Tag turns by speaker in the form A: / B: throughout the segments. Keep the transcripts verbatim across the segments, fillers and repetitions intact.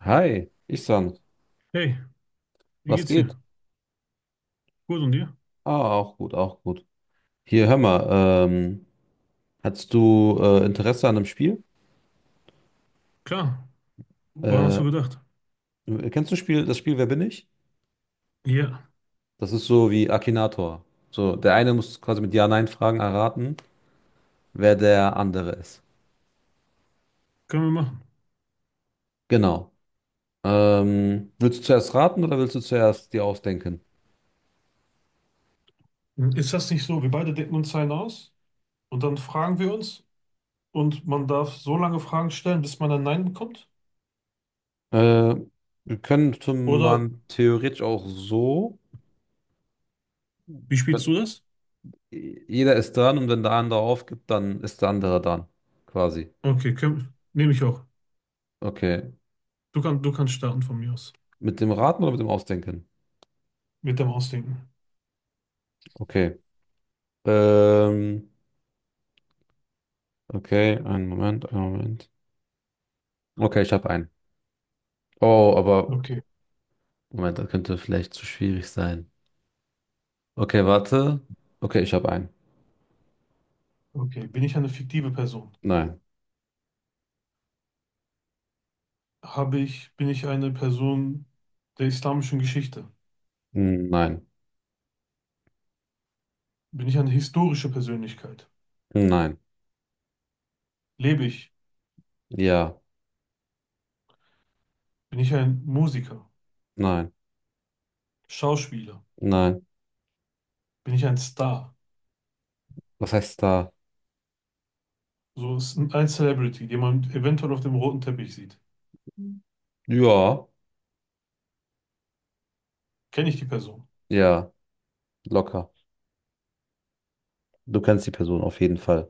A: Hi, Ihsan,
B: Hey, wie
A: was
B: geht's
A: geht?
B: dir? Gut und dir?
A: Ah, auch gut, auch gut. Hier, hör mal, ähm, hast du äh, Interesse an einem Spiel?
B: Klar, woran hast
A: Äh,
B: du gedacht?
A: kennst du Spiel, das Spiel Wer bin ich?
B: Ja,
A: Das ist so wie Akinator. So, der eine muss quasi mit Ja-Nein-Fragen erraten, wer der andere ist.
B: können wir machen.
A: Genau. Ähm, willst du zuerst raten oder willst du zuerst dir ausdenken?
B: Ist das nicht so? Wir beide denken uns einen aus und dann fragen wir uns und man darf so lange Fragen stellen, bis man ein Nein bekommt?
A: Äh, könnte
B: Oder
A: man theoretisch auch so.
B: wie
A: äh,
B: spielst du das?
A: Jeder ist dran und wenn der andere aufgibt, dann ist der andere dran, quasi.
B: Okay, können, nehme ich auch.
A: Okay.
B: Du kannst, du kannst starten von mir aus.
A: Mit dem Raten oder mit dem Ausdenken?
B: Mit dem Ausdenken.
A: Okay. Ähm, okay, einen Moment, einen Moment. Okay, ich habe einen. Oh, aber
B: Okay,
A: Moment, das könnte vielleicht zu schwierig sein. Okay, warte. Okay, ich habe einen.
B: okay. Bin ich eine fiktive Person?
A: Nein.
B: Habe ich, bin ich eine Person der islamischen Geschichte?
A: Hm, nein.
B: Bin ich eine historische Persönlichkeit?
A: Nein.
B: Lebe ich?
A: Ja.
B: Bin ich ein Musiker?
A: Nein.
B: Schauspieler.
A: Nein.
B: Bin ich ein Star?
A: Was heißt da?
B: So ist ein ein Celebrity, den man eventuell auf dem roten Teppich sieht.
A: Ja.
B: Kenne ich die Person?
A: Ja. Locker. Du kennst die Person auf jeden Fall.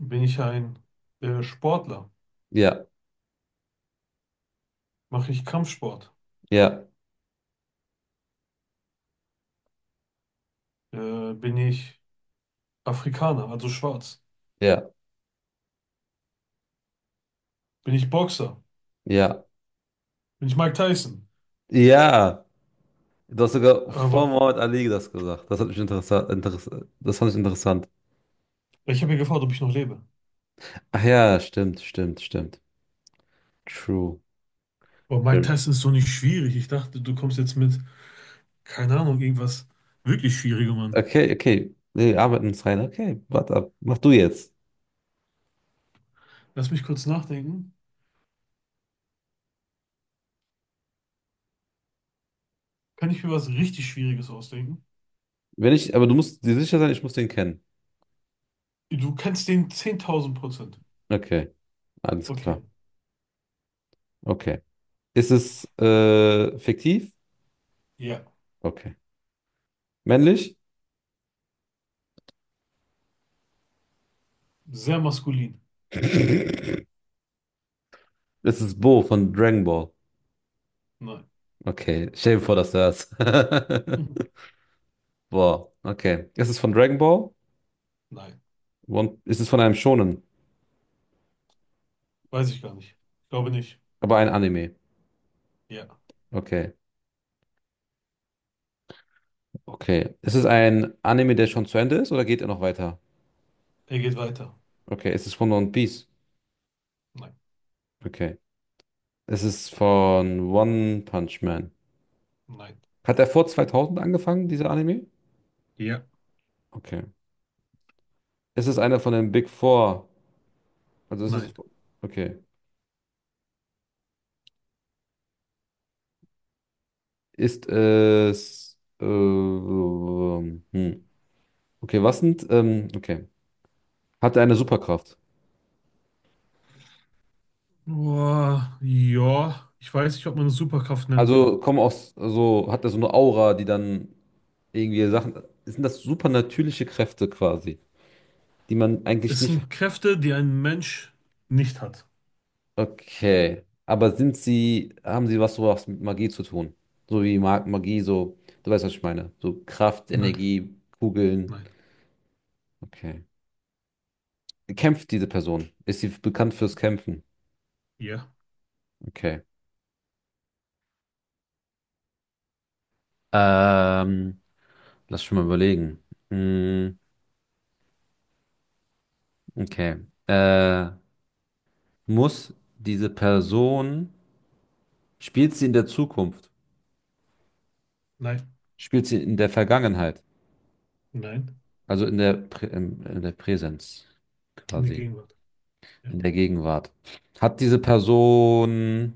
B: Bin ich ein äh, Sportler?
A: Ja.
B: Mache ich Kampfsport?
A: Ja.
B: Äh, bin ich Afrikaner, also schwarz?
A: Ja.
B: Bin ich Boxer?
A: Ja.
B: Bin ich Mike Tyson?
A: Ja. Du hast sogar vor
B: Aber
A: Muhammad Ali das gesagt. Das hat mich interessant, interess das fand ich interessant.
B: ich habe ja gefragt, ob ich noch lebe.
A: Ach ja, stimmt, stimmt, stimmt. True.
B: Boah, Mike
A: Stimmt.
B: Tyson ist so nicht schwierig. Ich dachte, du kommst jetzt mit, keine Ahnung, irgendwas wirklich Schwierigem an.
A: Okay, okay. Nee, arbeiten uns rein. Okay, warte ab. Mach du jetzt.
B: Lass mich kurz nachdenken. Kann ich mir was richtig Schwieriges ausdenken?
A: Wenn ich, aber du musst dir sicher sein, ich muss den kennen.
B: Du kennst den zehntausend Prozent.
A: Okay, alles klar.
B: Okay.
A: Okay. Ist es äh, fiktiv?
B: Ja,
A: Okay. Männlich?
B: sehr maskulin.
A: Es ist Bo von Dragon Ball.
B: Nein.
A: Okay, stell dir vor, dass du das.
B: Hm.
A: Boah, okay. Ist es von Dragon Ball?
B: Nein.
A: One- Ist es von einem Shonen?
B: Weiß ich gar nicht. Ich glaube nicht.
A: Aber ein Anime.
B: Ja.
A: Okay, okay. Ist es ein Anime, der schon zu Ende ist oder geht er noch weiter?
B: Er geht weiter.
A: Okay, ist es von One Piece?
B: Nein.
A: Okay. Ist es von One Punch Man?
B: Nein.
A: Hat er vor zweitausend angefangen, dieser Anime?
B: Ja.
A: Okay. Ist es einer von den Big Four? Also ist es.
B: Nein.
A: Okay. Ist es. Äh, hm. Okay, was sind. Ähm, okay. Hat er eine Superkraft?
B: Boah, ja. Ich weiß nicht, ob man es Superkraft nennen kann.
A: Also kommen aus. Also hat er so eine Aura, die dann irgendwie Sachen. Sind das supernatürliche Kräfte quasi? Die man eigentlich
B: Es
A: nicht.
B: sind Kräfte, die ein Mensch nicht hat.
A: Okay. Aber sind sie, haben sie was sowas mit Magie zu tun? So wie Mag Magie, so, du weißt, was ich meine. So Kraft,
B: Nein.
A: Energie, Kugeln.
B: Nein.
A: Okay. Kämpft diese Person? Ist sie bekannt fürs Kämpfen?
B: Ja.
A: Okay. Ähm, lass schon mal überlegen. Hm, okay. Äh, muss diese Person, spielt sie in der Zukunft?
B: Nein.
A: Spielt sie in der Vergangenheit?
B: Nein.
A: Also in der, Prä- in in der Präsenz
B: In der
A: quasi.
B: Gegenwart. Ja.
A: In der Gegenwart. Hat diese Person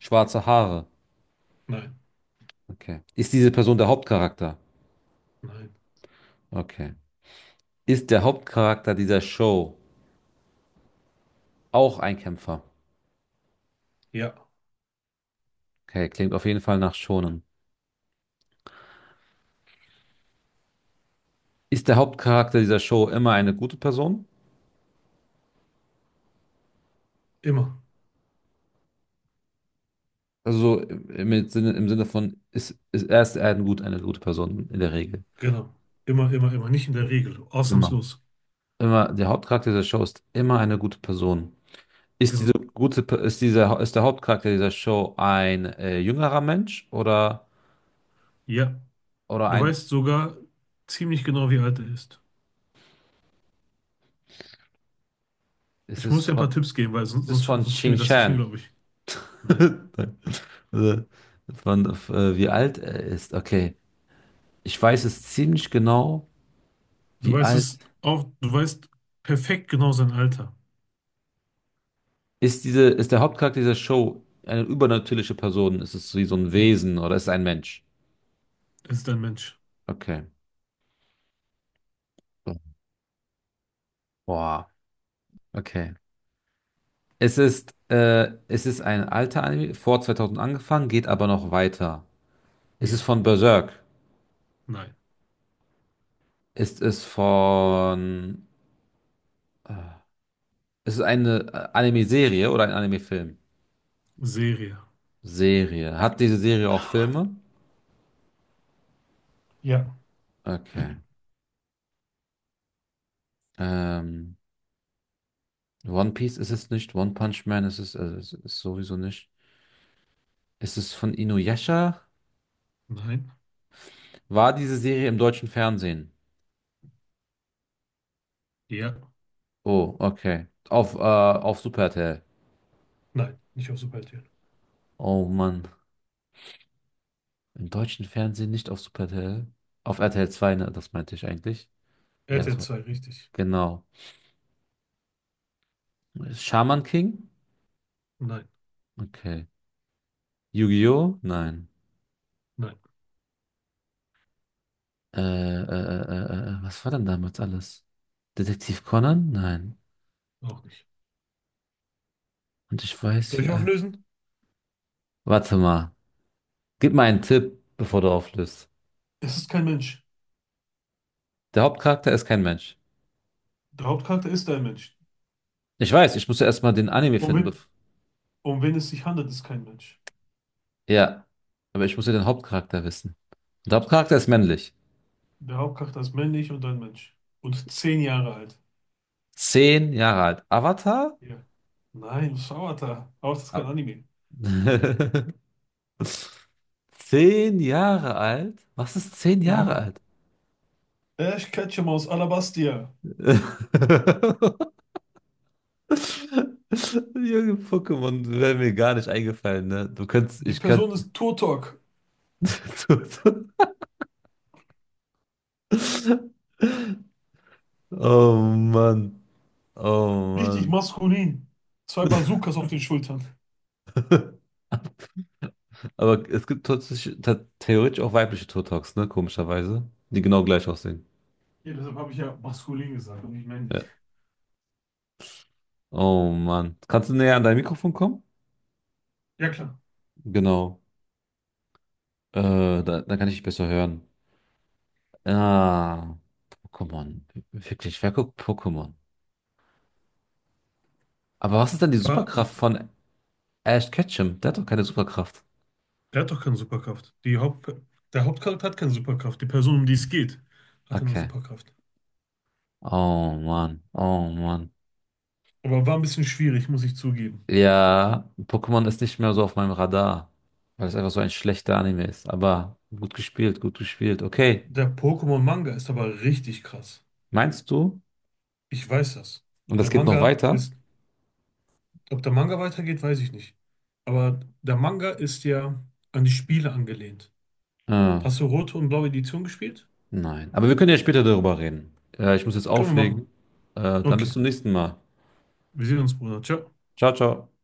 A: schwarze Haare?
B: Nein.
A: Okay. Ist diese Person der Hauptcharakter?
B: Nein.
A: Okay. Ist der Hauptcharakter dieser Show auch ein Kämpfer?
B: Ja.
A: Okay, klingt auf jeden Fall nach Shonen. Ist der Hauptcharakter dieser Show immer eine gute Person?
B: Immer.
A: Also im Sinne, im Sinne von, ist, ist er ist er ein gut, eine gute Person in der Regel.
B: Genau. Immer, immer, immer. Nicht in der Regel.
A: Immer.
B: Ausnahmslos.
A: Immer, der Hauptcharakter dieser Show ist immer eine gute Person. Ist diese
B: Genau.
A: gute, Pe- ist dieser, ist der Hauptcharakter dieser Show ein äh, jüngerer Mensch oder?
B: Ja.
A: Oder
B: Du
A: ein,
B: weißt sogar ziemlich genau, wie alt er ist.
A: es
B: Ich
A: ist
B: muss dir ein
A: von,
B: paar Tipps geben, weil sonst,
A: es ist
B: sonst,
A: von
B: sonst kämen wir das nicht hin,
A: Xinjiang.
B: glaube ich. Nein.
A: Also, von, äh, wie alt er ist. Okay. Ich weiß es ziemlich genau,
B: Du
A: wie
B: weißt
A: alt
B: es auch, du weißt perfekt genau sein Alter.
A: ist diese, ist der Hauptcharakter dieser Show eine übernatürliche Person? Ist es wie so ein Wesen oder ist es ein Mensch?
B: Es ist ein Mensch.
A: Okay. Boah. Okay. Es ist, äh, es ist ein alter Anime, vor zweitausend angefangen, geht aber noch weiter. Ist es
B: Ja.
A: von Berserk?
B: Nein.
A: Ist es von, äh, ist es eine äh, Anime-Serie oder ein Anime-Film?
B: Serie.
A: Serie. Hat diese Serie auch Filme?
B: Ja.
A: Okay. Ähm, One Piece ist es nicht. One Punch Man ist es, also es ist sowieso nicht. Ist es von Inuyasha?
B: Nein.
A: War diese Serie im deutschen Fernsehen?
B: Ja.
A: Oh, okay. Auf, äh, auf Super R T L.
B: Nein. Nicht auf Superhelden.
A: Oh Mann. Im deutschen Fernsehen nicht auf Super R T L. Auf R T L zwei, ne? Das meinte ich eigentlich. Ja,
B: RTL
A: das war.
B: zwei, richtig.
A: Genau. Shaman King?
B: Nein.
A: Okay. Yu-Gi-Oh? Nein.
B: Nein.
A: Äh, äh, äh, äh, äh, was war denn damals alles? Detektiv Conan? Nein.
B: Auch nicht.
A: Und ich weiß,
B: Soll
A: wie
B: ich
A: alt.
B: auflösen?
A: Warte mal. Gib mal einen Tipp, bevor du auflöst.
B: Es ist kein Mensch.
A: Der Hauptcharakter ist kein Mensch.
B: Der Hauptcharakter ist ein Mensch.
A: Ich weiß, ich muss ja erstmal den Anime
B: Um
A: finden.
B: wen,
A: bef-
B: um wen es sich handelt, ist kein Mensch.
A: Ja, aber ich muss ja den Hauptcharakter wissen. Und der Hauptcharakter ist männlich.
B: Der Hauptcharakter ist männlich und ein Mensch. Und zehn Jahre alt.
A: Zehn Jahre alt. Avatar?
B: Ja. Nein, das ist Avatar. Avatar ist kein
A: Ah.
B: Anime.
A: Zehn Jahre alt? Was ist zehn Jahre
B: Ja.
A: alt?
B: Äh, ich catche mal aus Alabastia.
A: Junge Pokémon wäre mir gar nicht eingefallen, ne? Du könntest,
B: Die
A: ich könnte.
B: Person ist Turtok.
A: Du- du- Oh Mann. Oh
B: Richtig
A: Mann.
B: maskulin. Zwei Bazookas auf den Schultern.
A: Aber es gibt tatsächlich, ta- theoretisch auch weibliche Turtles, ne? Komischerweise. Die genau gleich aussehen.
B: Ja, deshalb habe ich ja maskulin gesagt und nicht männlich.
A: Ja. Oh Mann. Kannst du näher an dein Mikrofon kommen?
B: Ja, klar.
A: Genau. Äh, da, dann kann ich dich besser hören. Ah, Pokémon. Wirklich, wer guckt Pokémon? Aber was ist denn die
B: War,
A: Superkraft von Ash Ketchum? Der hat doch keine Superkraft.
B: der hat doch keine Superkraft. Die Haupt, der Hauptcharakter hat keine Superkraft. Die Person, um die es geht, hat eine
A: Okay.
B: Superkraft.
A: Oh Mann. Oh Mann.
B: Aber war ein bisschen schwierig, muss ich zugeben.
A: Ja, Pokémon ist nicht mehr so auf meinem Radar, weil es einfach so ein schlechter Anime ist. Aber gut gespielt, gut gespielt. Okay,
B: Der Pokémon-Manga ist aber richtig krass.
A: meinst du?
B: Ich weiß das.
A: Und
B: Der
A: das geht noch
B: Manga
A: weiter?
B: ist, Ob der Manga weitergeht, weiß ich nicht. Aber der Manga ist ja an die Spiele angelehnt.
A: Äh,
B: Hast du rote und blaue Edition gespielt?
A: nein. Aber wir können ja später darüber reden. Äh, ich muss jetzt
B: Können wir
A: auflegen.
B: machen.
A: Äh, dann bis
B: Okay.
A: zum nächsten Mal.
B: Wir sehen uns, Bruder. Ciao.
A: Ciao, ciao.